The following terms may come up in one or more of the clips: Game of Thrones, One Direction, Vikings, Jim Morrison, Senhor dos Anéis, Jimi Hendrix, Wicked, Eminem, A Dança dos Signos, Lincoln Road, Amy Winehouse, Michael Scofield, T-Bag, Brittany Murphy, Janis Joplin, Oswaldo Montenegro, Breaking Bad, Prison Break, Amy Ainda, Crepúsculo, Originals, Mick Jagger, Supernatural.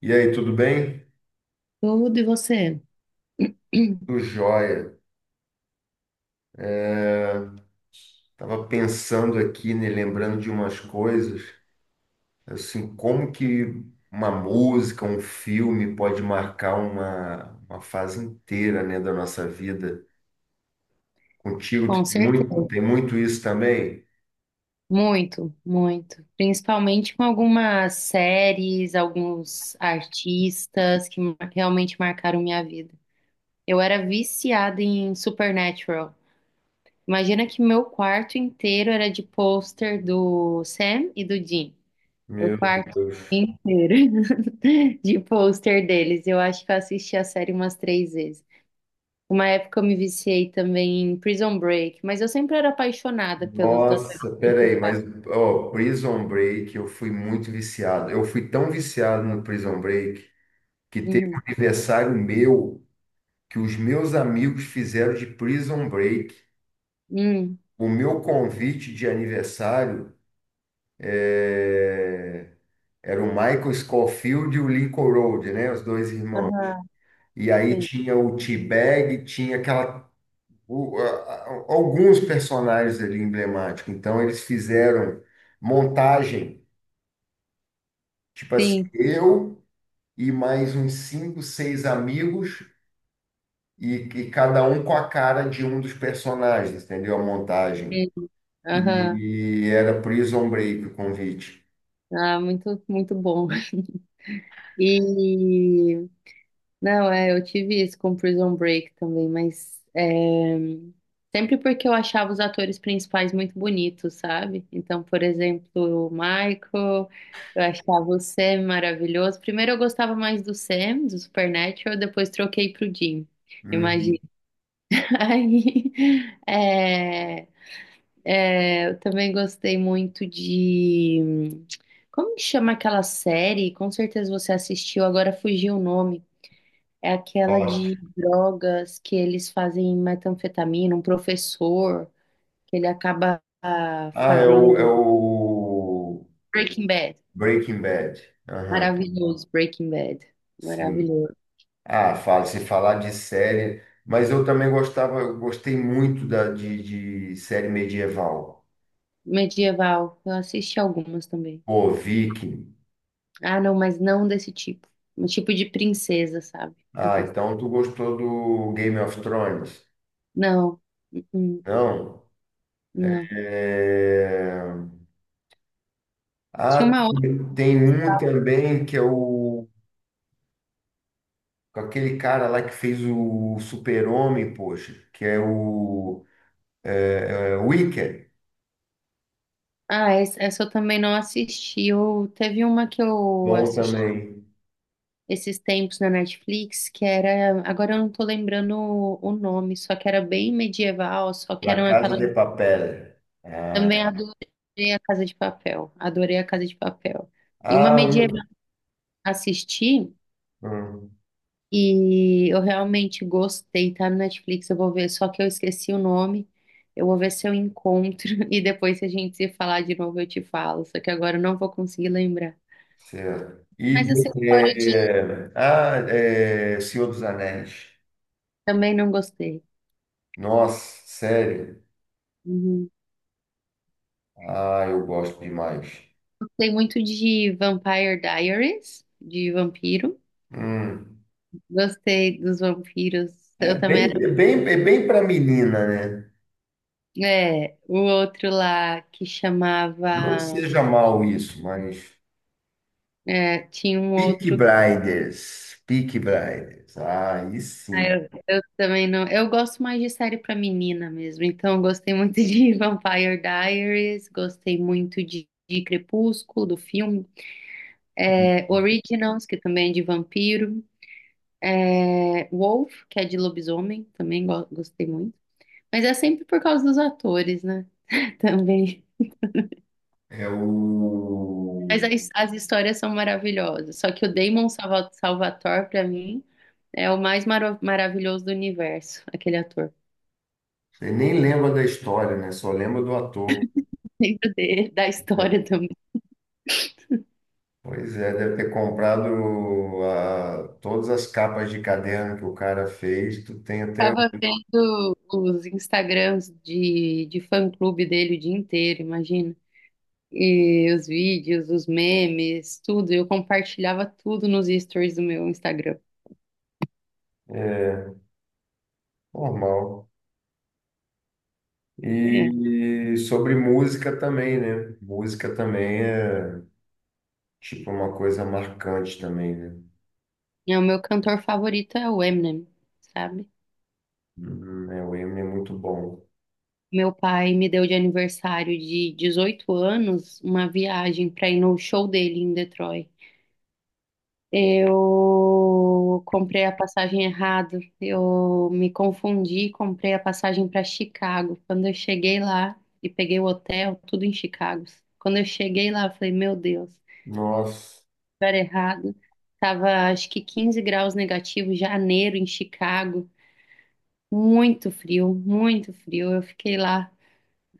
E aí, tudo bem? Tudo e você? Tudo jóia. Tava pensando aqui, né, lembrando de umas coisas, assim, como que uma música, um filme pode marcar uma fase inteira, né, da nossa vida. Contigo, tu Com certeza. Tem muito isso também? Muito, muito. Principalmente com algumas séries, alguns artistas que realmente marcaram minha vida. Eu era viciada em Supernatural. Imagina que meu quarto inteiro era de pôster do Sam e do Dean. O Meu quarto Deus. inteiro de pôster deles. Eu acho que eu assisti a série umas três vezes. Uma época eu me viciei também em Prison Break, mas eu sempre era apaixonada pelos atores Nossa, peraí, principais. mas, ó, Prison Break, eu fui muito viciado. Eu fui tão viciado no Prison Break que teve um Uhum. aniversário meu que os meus amigos fizeram de Prison Break. Hum. O meu convite de aniversário é, era o Michael Scofield e o Lincoln Road, né? Os dois irmãos. Aham. E aí Sim, tinha o T-Bag, tinha aquela. o- a- Alguns personagens ali emblemáticos. Então eles fizeram montagem, tipo assim, sim, eu e mais uns cinco, seis amigos, e cada um com a cara de um dos personagens, entendeu? A montagem. sim. Aham. E era Prison Break o convite. Ah, muito, muito bom. E não, eu tive isso com Prison Break também, sempre porque eu achava os atores principais muito bonitos, sabe? Então, por exemplo, o Michael, eu achava o Sam maravilhoso. Primeiro eu gostava mais do Sam, do Supernatural, depois troquei pro Jim, imagina. Hum. Aí, é, eu também gostei muito de... Como que chama aquela série? Com certeza você assistiu, agora fugiu o nome. É aquela Gosto. de drogas que eles fazem metanfetamina, um professor que ele acaba Ah, é o, é fazendo o Breaking Bad. Breaking Bad. Aham, Maravilhoso, Breaking Bad. sim. Maravilhoso. Ah, fala, se falar de série, mas eu também gostava, eu gostei muito de série medieval. Medieval, eu assisti algumas também. Pô, Viking. Ah, não, mas não desse tipo. Um tipo de princesa, sabe? Eu Ah, gostava. então tu gostou do Game of Thrones? Não, uh-uh, Não? não. É... Tinha Ah, uma outra. tem um também que é o com aquele cara lá que fez o Super-Homem, poxa, que é o Wicked. Ah, essa eu também não assisti. Eu, teve uma que eu Bom assisti também. esses tempos na Netflix, que era. Agora eu não tô lembrando o nome, só que era bem medieval, só que La eram Casa aquelas. de Papel. Também adorei a Casa de Papel. Adorei a Casa de Papel. E uma Ah, medieval que eu assisti um, e eu realmente gostei, tá no Netflix, eu vou ver, só que eu esqueci o nome. Eu vou ver se eu encontro e depois se a gente se falar de novo eu te falo, só que agora eu não vou conseguir lembrar. certo. Mas E essa história de Senhor dos Anéis. também não gostei. Nossa, sério. Uhum. Ah, eu gosto demais. Gostei muito de Vampire Diaries, de vampiro. Hum. Gostei dos vampiros. É Eu também. bem, é bem, é bem para menina, né? É, o outro lá que Não que chamava. seja mal isso, mas. É, tinha um Peaky outro. Blinders. Peaky Blinders. Ah, aí sim. Eu também não. Eu gosto mais de série pra menina mesmo. Então, eu gostei muito de Vampire Diaries, gostei muito de Crepúsculo, do filme. É, Originals, que também é de vampiro. É, Wolf, que é de lobisomem, também gostei muito. Mas é sempre por causa dos atores, né? Também. É Mas o. as histórias são maravilhosas. Só que o Salvatore, pra mim, é o mais maravilhoso do universo, aquele ator. Você nem lembra da história, né? Só lembra do ator. Lembro dele, da história É. também. Pois é, deve ter comprado todas as capas de caderno que o cara fez, tu tem até Tava vendo os Instagrams de fã-clube dele o dia inteiro, imagina. E os vídeos, os memes, tudo. Eu compartilhava tudo nos stories do meu Instagram. é, normal. É, E sobre música também, né? Música também é tipo uma coisa marcante também, né? é o meu cantor favorito é o Eminem, sabe? O Eminem é muito bom. Meu pai me deu de aniversário de 18 anos uma viagem para ir no show dele em Detroit. Eu comprei a passagem errado, eu me confundi, e comprei a passagem para Chicago. Quando eu cheguei lá e peguei o hotel, tudo em Chicago. Quando eu cheguei lá, eu falei, meu Deus, Nossa, lugar errado. Tava acho que 15 graus negativos, janeiro em Chicago, muito frio, muito frio. Eu fiquei lá.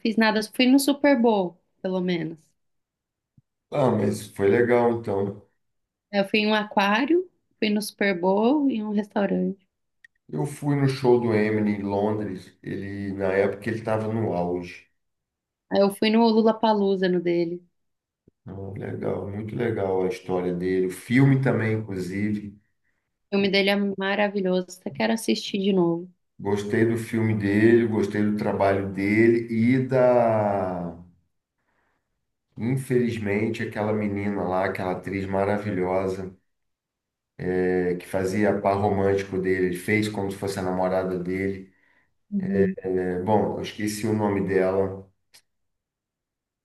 Fiz nada, fui no Super Bowl, pelo menos. ah, mas foi legal então. Eu fui em um aquário, fui no Super Bowl e um restaurante. Eu fui no show do Eminem em Londres, ele na época ele estava no auge. Aí eu fui no Lollapalooza, no dele. Ah, legal, muito legal a história dele, o filme também, inclusive. O filme dele é maravilhoso, até quero assistir de novo. Gostei do filme dele, gostei do trabalho dele e da. Infelizmente, aquela menina lá, aquela atriz maravilhosa, que fazia par romântico dele, ele fez como se fosse a namorada dele. Uhum. É, bom, eu esqueci o nome dela.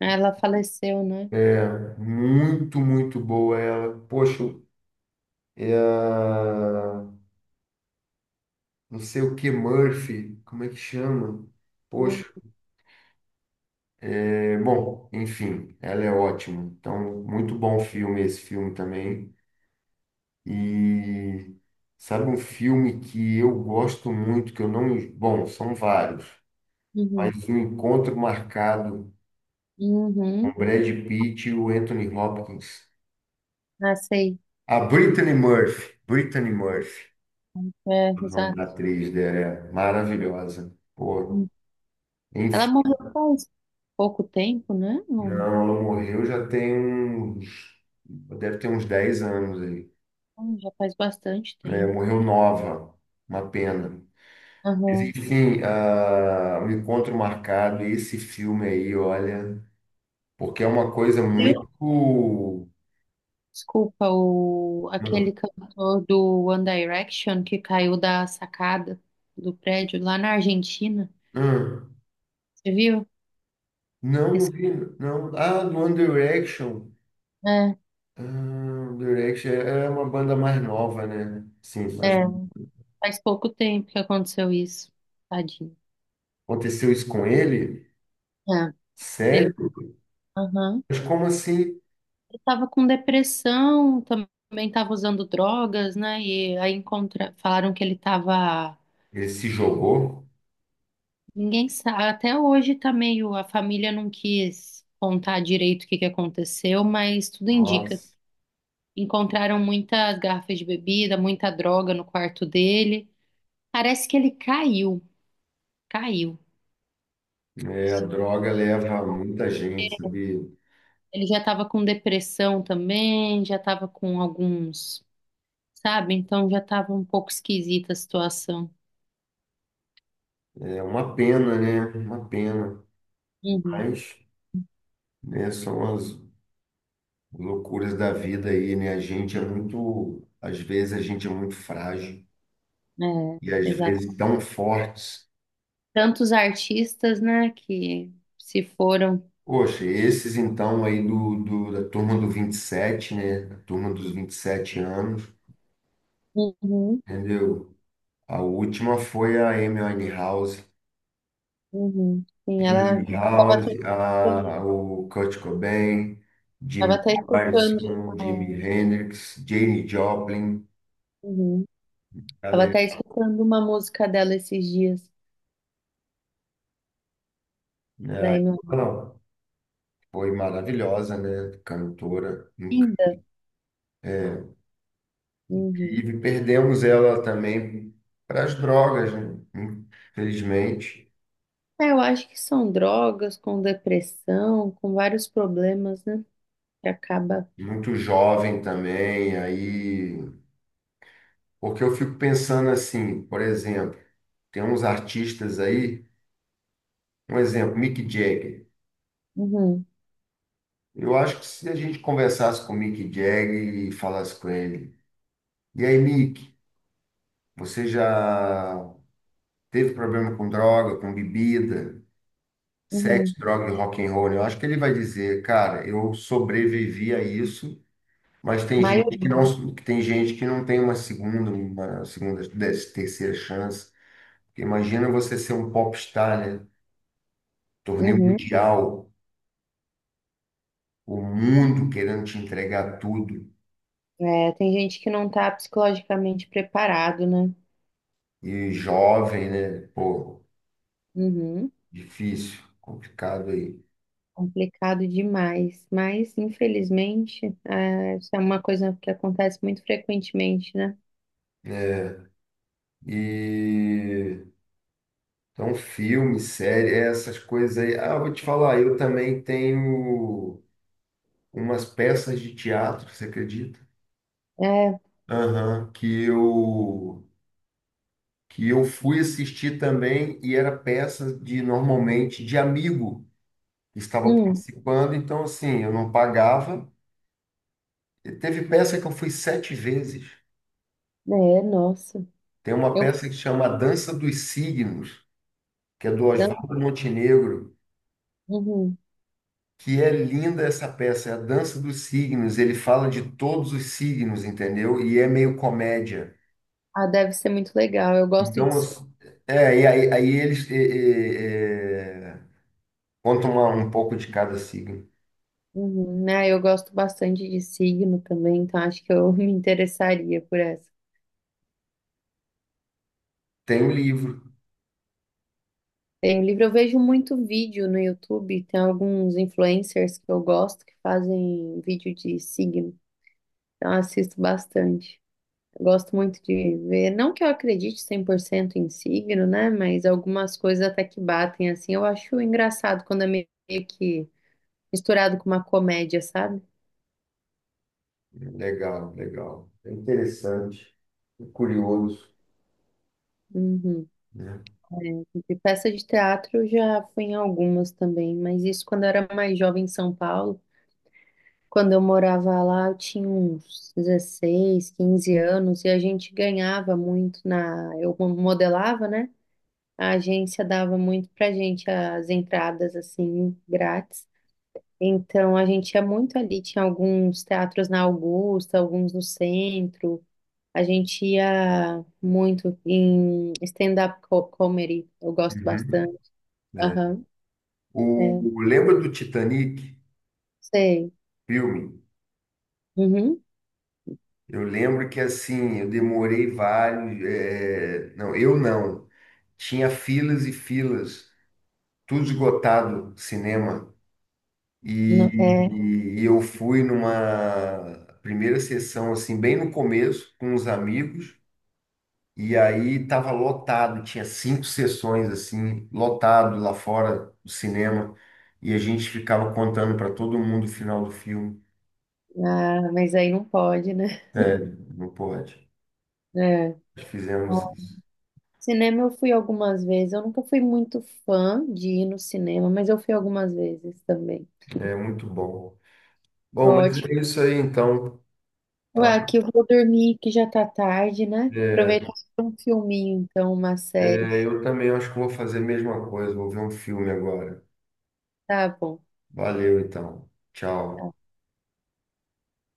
Ela faleceu, né? Muito, muito boa ela. Poxa, é a- não sei o que, Murphy, como é que chama? Poxa, é, bom, enfim, ela é ótima. Então, muito bom filme esse filme também. E sabe um filme que eu gosto muito, que eu não. Bom, são vários, Uhum. mas o encontro marcado com Uhum. Brad Pitt e o Anthony Hopkins. Ah, sei. A Brittany Murphy. Brittany Murphy, É, o nome exato. da atriz dela é maravilhosa. Pô, Hum. Ela enfim, morreu faz pouco tempo, né? Não, não, não. ela morreu já tem uns. Deve ter uns 10 anos aí. Hum. Já faz bastante Né? tempo. Morreu nova, uma pena. Aham. Existe um encontro marcado, e esse filme aí, olha, porque é uma coisa muito. Desculpa, o, Não. aquele cantor do One Direction que caiu da sacada do prédio lá na Argentina. Hum. Você viu? Não, não Esse- vi, não. Ah, do One Direction. é, Ah, One Direction é uma banda mais nova, né? Sim, mas é, faz pouco tempo que aconteceu isso. Tadinho. aconteceu isso com ele? É, ele, Sério? aham. Mas como assim? Ele tava com depressão, também tava usando drogas, né? E aí encontra, falaram que ele tava. Ele se jogou? Ninguém sabe. Até hoje tá meio. A família não quis contar direito o que que aconteceu, mas tudo indica. Nossa. Encontraram muitas garrafas de bebida, muita droga no quarto dele. Parece que ele caiu, caiu. É, a droga leva muita gente, sabe? Ele já estava com depressão também, já estava com alguns, sabe? Então já estava um pouco esquisita a situação. É uma pena, né? Uma pena. Uhum, Mas, né, são as loucuras da vida aí, né? A gente é muito, às vezes a gente é muito frágil é, e às exato. vezes tão fortes. Tantos artistas, né, que se foram. Poxa, esses então aí da turma do 27, né? A turma dos 27 anos, Uhum, entendeu? A última foi a Amy Winehouse, uhum. Sim, Amy ela estava até Winehouse, escutando. O Kurt Cobain, Tava Jimmy até escutando, Morrison, Jimi Hendrix, Jane Joplin, uhum. Tava galera, até escutando uma música dela esses dias, da né? Amy. Ela foi maravilhosa, né? Cantora. Ainda. Uhum. E perdemos ela também para as drogas, né? Infelizmente. É, eu acho que são drogas com depressão, com vários problemas, né? Que acaba. Muito jovem também, aí. Porque eu fico pensando assim, por exemplo, tem uns artistas aí, um exemplo, Mick Jagger. Uhum, Eu acho que se a gente conversasse com o Mick Jagger e falasse com ele, e aí, Mick, você já teve problema com droga, com bebida, sexo, uhum. droga e rock and roll? Eu acho que ele vai dizer, cara, eu sobrevivi a isso. Mas tem gente que Maioria. não, que tem gente que não tem uma segunda, terceira chance. Porque imagina você ser um popstar, né? Torneio Uhum. mundial, o mundo querendo te entregar tudo. É, tem gente que não tá psicologicamente preparado, né? E jovem, né? Pô, Uhum. difícil, complicado aí. Complicado demais. Mas, infelizmente, isso é uma coisa que acontece muito frequentemente, né? Né? E então, filme, série, essas coisas aí. Ah, eu vou te falar, eu também tenho umas peças de teatro, você acredita? É, Aham, que eu fui assistir também e era peça de normalmente de amigo que estava hum, participando, então assim, eu não pagava. E teve peça que eu fui sete vezes. é, nossa. Tem uma Eu. peça que chama A Dança dos Signos, que é do Oswaldo Montenegro, Uhum. que é linda essa peça, é a Dança dos Signos, ele fala de todos os signos, entendeu? E é meio comédia. Ah, deve ser muito legal. Eu gosto de. Então, e aí eles contam um pouco de cada signo. Uhum. Ah, eu gosto bastante de signo também, então acho que eu me interessaria por essa. Tem o livro. Tem o livro, eu vejo muito vídeo no YouTube, tem alguns influencers que eu gosto que fazem vídeo de signo, então eu assisto bastante. Eu gosto muito de ver, não que eu acredite 100% em signo, né, mas algumas coisas até que batem, assim, eu acho engraçado quando é meio que misturado com uma comédia, sabe? Legal, legal. É interessante, é curioso, Uhum. né? De peça de teatro eu já fui em algumas também, mas isso quando eu era mais jovem em São Paulo. Quando eu morava lá, eu tinha uns 16, 15 anos e a gente ganhava muito na. Eu modelava, né? A agência dava muito pra gente as entradas, assim, grátis. Então a gente ia muito ali, tinha alguns teatros na Augusta, alguns no centro. A gente ia muito em comedy, eu gosto Uhum. bastante. É. Aham. É. O, lembra do Titanic, Sei. filme? Uhum. Eu lembro que assim, eu demorei vários. É, não, eu não. Tinha filas e filas, tudo esgotado, cinema. É. E eu fui numa primeira sessão, assim, bem no começo, com uns amigos. E aí tava lotado, tinha cinco sessões assim, lotado lá fora do cinema, e a gente ficava contando para todo mundo o final do filme. Ah, mas aí não pode, né? Sério, não pode. É. Nós fizemos isso. Cinema eu fui algumas vezes. Eu nunca fui muito fã de ir no cinema, mas eu fui algumas vezes também. É muito bom. Bom, mas Ótimo. é isso aí então, Ué, tá? aqui eu vou dormir, que já tá tarde, né? É, Aproveitar pra um filminho, então, uma série. é, eu também acho que vou fazer a mesma coisa, vou ver um filme agora. Tá bom. Valeu então. Tchau.